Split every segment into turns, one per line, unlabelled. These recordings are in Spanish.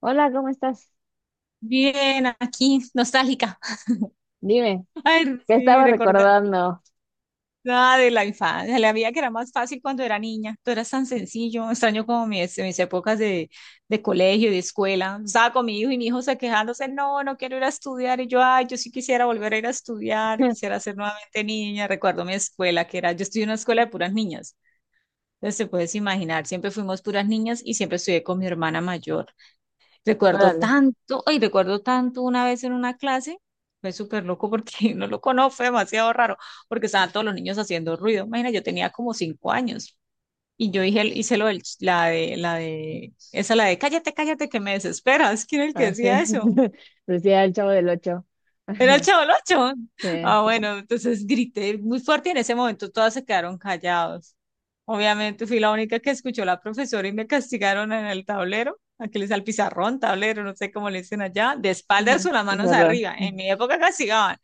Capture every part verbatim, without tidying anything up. Hola, ¿cómo estás?
Bien, aquí, nostálgica.
Dime,
Ay,
¿qué
sí,
estaba
recordar
recordando?
nada de la infancia, de la vida que era más fácil cuando era niña. Todo era tan sencillo, extraño como mis, mis épocas de, de colegio, de escuela. Estaba con mi hijo y mi hijo se quejándose, no, no quiero ir a estudiar. Y yo, ay, yo sí quisiera volver a ir a estudiar, quisiera ser nuevamente niña. Recuerdo mi escuela, que era, yo estudié en una escuela de puras niñas. Entonces, te puedes imaginar, siempre fuimos puras niñas y siempre estudié con mi hermana mayor. Recuerdo
Órale,
tanto, ay, recuerdo tanto una vez en una clase, fue súper loco porque no lo conozco, fue demasiado raro, porque estaban todos los niños haciendo ruido. Imagina, yo tenía como cinco años y yo dije, hice lo del, ch- la de, la de, esa la de, cállate, cállate, que me desesperas. ¿Quién era el que
ah, sí.
decía eso?
Decía el Chavo del Ocho.
Era el
Ajá,
Chavo Ocho.
sí,
Ah, bueno, entonces grité muy fuerte y en ese momento todas se quedaron callados. Obviamente fui la única que escuchó la profesora y me castigaron en el tablero. Aquí les al pizarrón, tablero, no sé cómo le dicen allá, de espaldas
ujú,
o las
es
manos
verdad.
arriba. En mi época castigaban.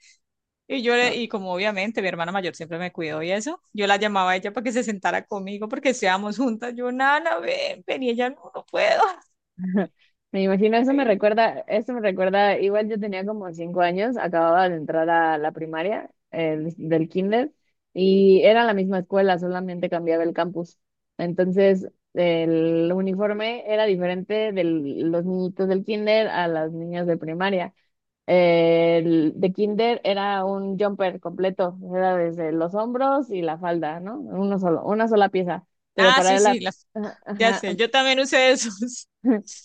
Y yo le-
Ah,
y como obviamente mi hermana mayor siempre me cuidó y eso, yo la llamaba a ella para que se sentara conmigo porque estábamos juntas. Yo, Nana, ven, ven, y ella, no, no puedo.
me imagino, eso me
Ay, no.
recuerda, eso me recuerda, igual yo tenía como cinco años, acababa de entrar a la primaria, el- del kinder, y era la misma escuela, solamente cambiaba el campus. Entonces, el uniforme era diferente de los niñitos del kinder a las niñas de primaria. El de kinder era un jumper completo, era desde los hombros y la falda, ¿no? Uno solo, una sola pieza. Pero
Ah,
para
sí, sí,
la,
las-
ajá,
ya
ajá,
sé, yo también usé esos.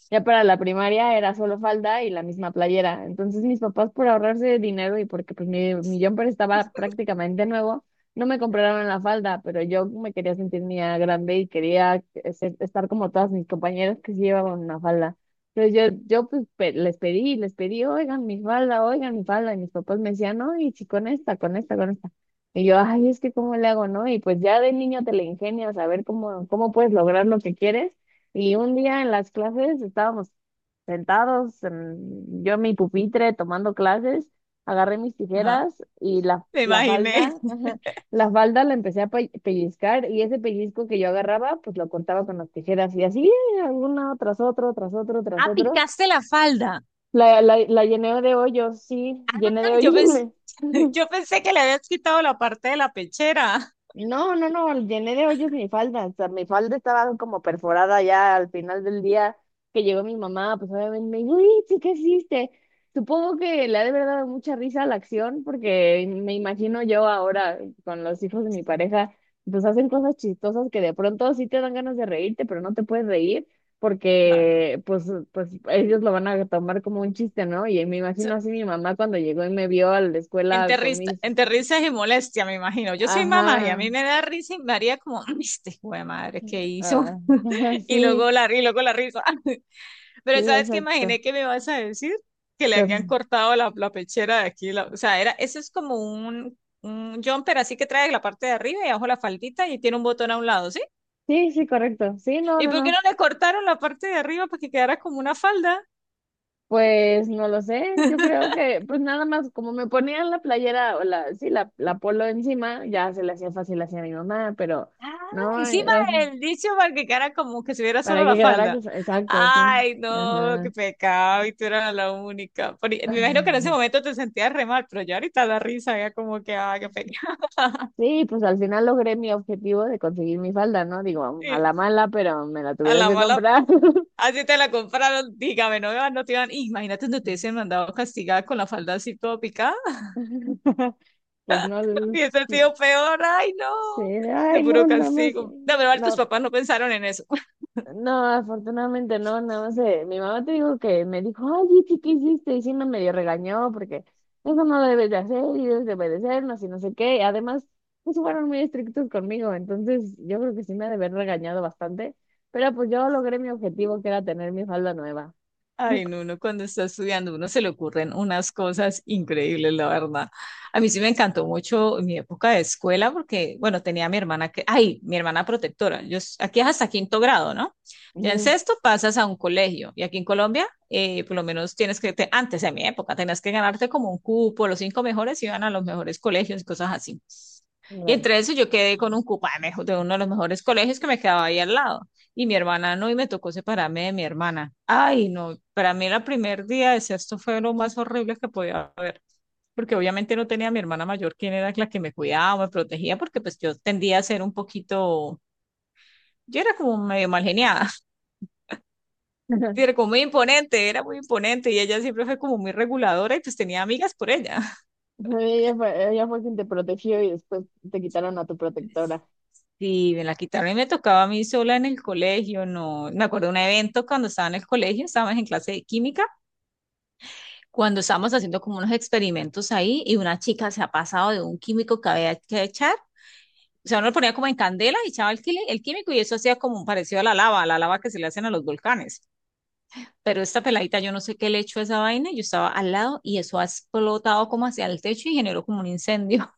ya para la primaria era solo falda y la misma playera. Entonces mis papás por ahorrarse dinero y porque pues mi, mi jumper estaba prácticamente nuevo, no me compraron la falda, pero yo me quería sentir niña grande y quería eh, ser- estar como todas mis compañeras que sí llevaban una falda. Entonces yo, yo pues pe- les pedí, y les pedí, oigan mi falda, oigan mi falda, y mis papás me decían, no, y si con esta, con esta, con esta. Y yo, ay, es que cómo le hago, ¿no? Y pues ya de niño te le ingenias a ver cómo, cómo puedes lograr lo que quieres. Y un día en las clases estábamos sentados, en- yo en mi pupitre tomando clases, agarré mis
Ajá,
tijeras y la,
me
la
imaginé.
falda, ajá, la falda la empecé a pe- pellizcar y ese pellizco que yo agarraba, pues lo cortaba con las tijeras y así, alguna tras otro, tras otro, tras
Ah,
otro.
picaste la falda.
La, la, la llené de hoyos, sí,
Ah,
llené de
yo pensé,
hoyos.
yo pensé que le habías quitado la parte de la pechera.
No, no, no, llené de hoyos mi falda, o sea, mi falda estaba como perforada ya al final del día que llegó mi mamá, pues obviamente me dijo, uy, sí, ¿qué hiciste? Supongo que le ha de haber dado mucha risa a la acción, porque me imagino yo ahora con los hijos de mi pareja, pues hacen cosas chistosas que de pronto sí te dan ganas de reírte, pero no te puedes reír,
Claro.
porque pues, pues ellos lo van a tomar como un chiste, ¿no? Y me
So-
imagino así mi mamá cuando llegó y me vio a la escuela
Entre,
con
risa-
mis...
entre risas y molestia, me imagino. Yo soy mamá y a
Ajá.
mí me da risa y me haría como, "Ay, este hijo de madre, ¿qué hizo?"
Ah,
Y
sí,
luego la, y luego la risa. Pero
sí,
¿sabes qué
exacto.
imaginé que me vas a decir? Que le habían
Pero-
cortado la, la pechera de aquí. La- o sea, era, eso es como un, un jumper así que trae la parte de arriba y abajo la faldita y tiene un botón a un lado, ¿sí?
sí, sí, correcto. Sí, no,
¿Y
no,
por qué no
no.
le cortaron la parte de arriba para que quedara como una falda?
Pues no lo sé. Yo creo que, pues nada más, como me ponían la playera o la, sí, la, la polo encima, ya se le hacía fácil hacia mi mamá, pero
Ah,
no,
encima
eh,
el dicho para que quedara como que se viera solo
para
la
que quedara,
falda.
cos- exacto, sí.
Ay, no, qué
Ajá.
pecado, y tú eras la única. Por- me imagino que en ese momento te sentías re mal, pero ya ahorita la risa ya como que, ay, qué pecado.
Sí, pues al final logré mi objetivo de conseguir mi falda, ¿no? Digo, a
Y
la mala, pero me la
a
tuvieron
la
que
mala,
comprar.
así te la compraron, dígame, no, iban- no te iban. Imagínate donde te hubiesen mandado castigada con la falda así toda picada.
Pues no.
Y ese tío
Sí.
peor, ay, no,
Sí,
de
ay, no,
puro
nada más.
castigo. De verdad, tus
No,
papás no pensaron en eso.
no, afortunadamente no, nada más. Eh, mi mamá te dijo que me dijo, ay, Itzi, ¿qué hiciste? Y sí me medio regañó porque eso no lo debes de hacer y debes de obedecernos y no sé qué. Además, pues fueron muy estrictos conmigo, entonces yo creo que sí me ha de haber regañado bastante. Pero pues yo logré mi objetivo que era tener mi falda nueva.
Ay, no, uno cuando está estudiando, uno se le ocurren unas cosas increíbles, la verdad. A mí sí me encantó mucho mi época de escuela porque, bueno, tenía a mi hermana que, ay, mi hermana protectora. Yo, s- aquí es hasta quinto grado, ¿no? Ya en
Ujú,
sexto pasas a un colegio y aquí en Colombia, eh, por lo menos tienes que, te- antes de mi época, tenías que ganarte como un cupo, los cinco mejores iban a los mejores colegios y cosas así. Y
gracias.
entre eso yo quedé con un cupo de mejo- de uno de los mejores colegios que me quedaba ahí al lado. Y mi hermana no, y me tocó separarme de mi hermana. Ay, no, para mí el primer día de sexto fue lo más horrible que podía haber, porque obviamente no tenía a mi hermana mayor, quien era la que me cuidaba, me protegía, porque pues yo tendía a ser un poquito, yo era como medio mal geniada, era como muy imponente, era muy imponente, y ella siempre fue como muy reguladora y pues tenía amigas por ella.
Ella fue, ella fue quien te protegió y después te quitaron a tu protectora.
Sí, me la quitaron y me tocaba a mí sola en el colegio, no, me acuerdo de un evento cuando estaba en el colegio, estábamos en clase de química, cuando estábamos haciendo como unos experimentos ahí y una chica se ha pasado de un químico que había que echar, o sea, uno lo ponía como en candela y echaba el, quili- el químico y eso hacía como un parecido a la lava, a la lava que se le hacen a los volcanes. Pero esta peladita, yo no sé qué le echó a esa vaina, yo estaba al lado y eso ha explotado como hacia el techo y generó como un incendio.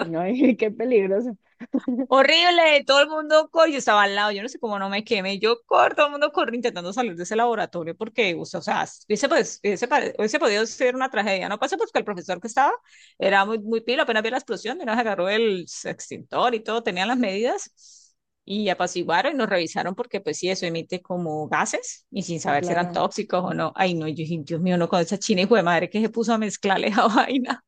Y no, qué peligroso.
Horrible, todo el mundo corre, yo estaba al lado, yo no sé cómo no me quemé, yo corro, todo el mundo corre intentando salir de ese laboratorio porque, o sea, o sea, hubiese, pues, hubiese pare- hubiese podido ser una tragedia, no pasó porque el profesor que estaba era muy, muy pilo, apenas vio la explosión, nos agarró el extintor y todo, tenían las medidas y apaciguaron y nos revisaron porque, pues sí, eso emite como gases y sin
Sí,
saber si eran
claro.
tóxicos o no. Ay, no, yo dije, Dios mío, no, con esa china hijo de madre que se puso a mezclarle esa vaina.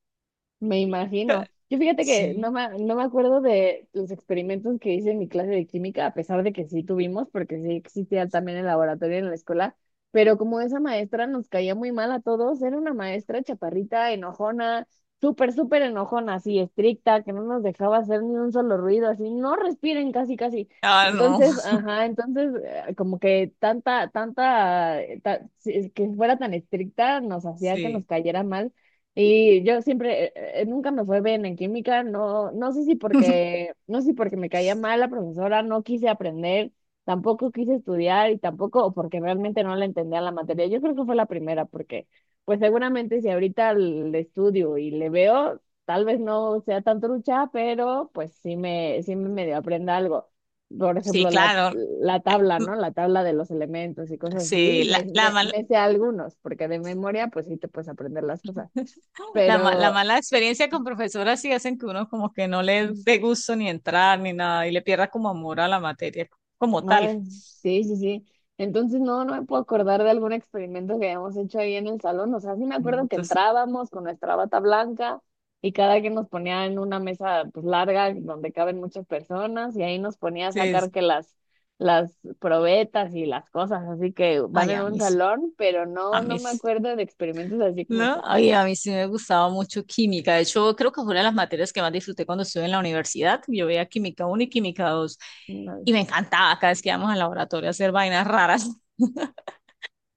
Me imagino. Yo fíjate que no
Sí,
me, no me acuerdo de los experimentos que hice en mi clase de química, a pesar de que sí tuvimos, porque sí existía también el laboratorio en la escuela, pero como esa maestra nos caía muy mal a todos, era una maestra chaparrita, enojona, súper, súper enojona, así estricta, que no nos dejaba hacer ni un solo ruido, así, no respiren casi, casi.
ah, no,
Entonces, ajá, entonces, eh, como que tanta, tanta, eh, ta- si- que fuera tan estricta nos hacía que nos
sí.
cayera mal. Y yo siempre, eh, eh, nunca me fue bien en química, no, no sé si porque, no sé si porque me caía mal la profesora, no quise aprender, tampoco quise estudiar y tampoco o porque realmente no le entendía la materia. Yo creo que fue la primera, porque pues seguramente si ahorita le estudio y le veo, tal vez no sea tan trucha, pero pues sí me, sí me medio aprenda algo. Por
Sí,
ejemplo, la,
claro.
la tabla,
Mm.
¿no? La tabla de los elementos y cosas así,
Sí, la,
me,
la,
me,
mal-
me sé algunos, porque de memoria pues sí te puedes aprender las cosas
la, ma- la
pero,
mala experiencia con profesoras sí hacen que uno como que no le dé gusto ni entrar ni nada y le pierda como amor a la materia como tal.
ay, sí, sí, sí. Entonces, no, no me puedo acordar de algún experimento que habíamos hecho ahí en el salón. O sea, sí me
Mm.
acuerdo que
Entonces,
entrábamos con nuestra bata blanca y cada quien nos ponía en una mesa pues larga donde caben muchas personas y ahí nos ponía a sacar que las, las probetas y las cosas, así que van
ay,
en
a
un
mí, sí-
salón, pero
a
no, no
mí,
me
sí,
acuerdo de experimentos así como tú.
¿no? Ay, a mí sí me gustaba mucho química. De hecho, creo que fue una de las materias que más disfruté cuando estuve en la universidad. Yo veía química uno y química dos
No,
y me encantaba cada vez que íbamos al laboratorio a hacer vainas raras.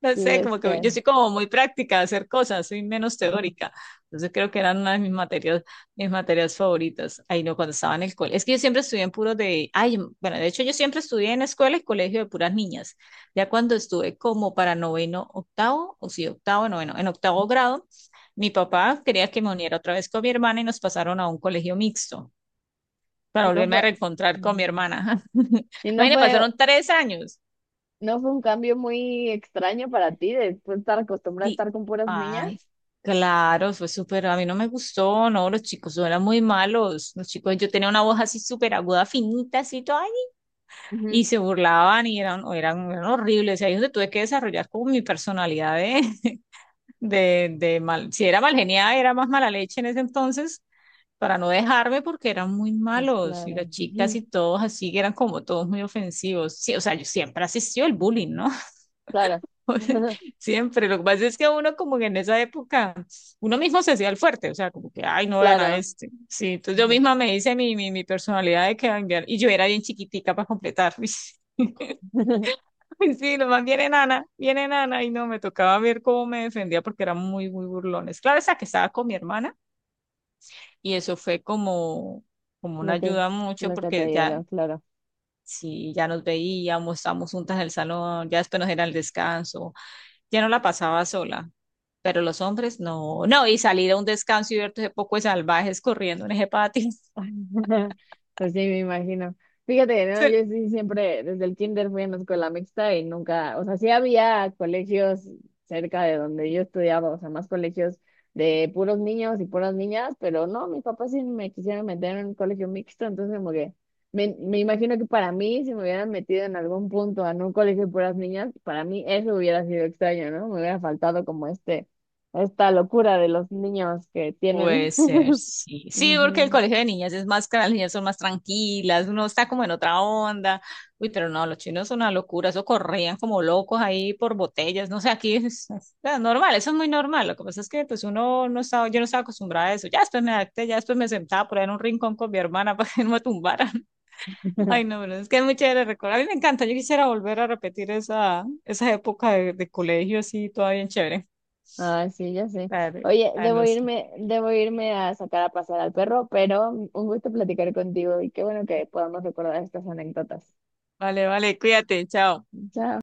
No
sí,
sé,
es
como que
que
yo soy como muy práctica de hacer cosas, soy menos teórica. Entonces creo que eran una de mis materias, mis materias favoritas. Ay, no, cuando estaba en el colegio. Es que yo siempre estudié en puros de, ay, bueno, de hecho yo siempre estudié en escuela y colegio de puras niñas. Ya cuando estuve como para noveno, octavo, o sí, octavo, noveno, en octavo grado, mi papá quería que me uniera otra vez con mi hermana y nos pasaron a un colegio mixto para
no
volverme a
fue.
reencontrar con mi
Mm,
hermana.
y no
Imagínate,
fue.
pasaron tres años.
¿No fue un cambio muy extraño para ti de tú estar acostumbrada a
Sí,
estar con puras niñas?
ay, claro, fue súper, a mí no me gustó, no, los chicos no eran muy malos, los chicos, yo tenía una voz así súper aguda, finita, así toda, ahí, y
Ujú,
se burlaban y eran, eran, eran horribles, y ahí es donde tuve que desarrollar como mi personalidad de, de, de mal, si era mal genial, era más mala leche en ese entonces, para no dejarme porque eran muy
pues
malos, y las
claro,
chicas
ujú,
y todos así, que eran como todos muy ofensivos, sí, o sea, yo siempre asistió el bullying, ¿no?
claro,
Siempre, lo que pasa es que uno como que en esa época, uno mismo se hacía el fuerte, o sea, como que, ay, no vean a
claro,
este. Sí, entonces yo
ujú.
misma me hice mi, mi, mi personalidad de que va a enviar, y yo era bien chiquitica para completar. Ay, sí, nomás viene Nana, viene Nana, y no, me tocaba ver cómo me defendía porque eran muy, muy burlones. Claro, esa que estaba con mi hermana, y eso fue como, como una
lo que,
ayuda mucho
lo que te
porque ya,
ayuda, claro.
sí, ya nos veíamos, estábamos juntas en el salón, ya después nos era el descanso, ya no la pasaba sola, pero los hombres no, no, y salir a un descanso y verte ese poco de salvajes corriendo en ese patio.
Pues sí, me imagino. Fíjate, ¿no?
Sí,
Yo sí siempre, desde el kinder fui en la escuela mixta y nunca, o sea, sí había colegios cerca de donde yo estudiaba, o sea, más colegios de puros niños y puras niñas, pero no, mis papás sí me quisieron meter en un colegio mixto, entonces como que me, me imagino que para mí, si me hubieran metido en algún punto en un colegio de puras niñas, para mí eso hubiera sido extraño, ¿no? Me hubiera faltado como este, esta locura de los niños que
puede
tienen.
ser, sí. Sí, porque el
Ujú.
colegio de niñas es más, que las niñas son más tranquilas, uno está como en otra onda. Uy, pero no, los chinos son una locura, eso corrían como locos ahí por botellas, no sé, aquí es, es es normal, eso es muy normal. Lo que pasa es que pues uno no estaba, yo no estaba acostumbrada a eso. Ya después me adapté, ya después me sentaba por ahí en un rincón con mi hermana para que no me tumbara. Ay, no, pero es que es muy chévere recordar. A mí me encanta, yo quisiera volver a repetir esa, esa época de, de colegio así, todavía bien chévere.
Ah, sí, ya sé.
Dale.
Oye,
Ay,
debo
no sé.
irme, debo irme a sacar a pasar al perro, pero un gusto platicar contigo y qué bueno que podamos recordar estas anécdotas.
Vale, vale, cuídate, chao.
Chao.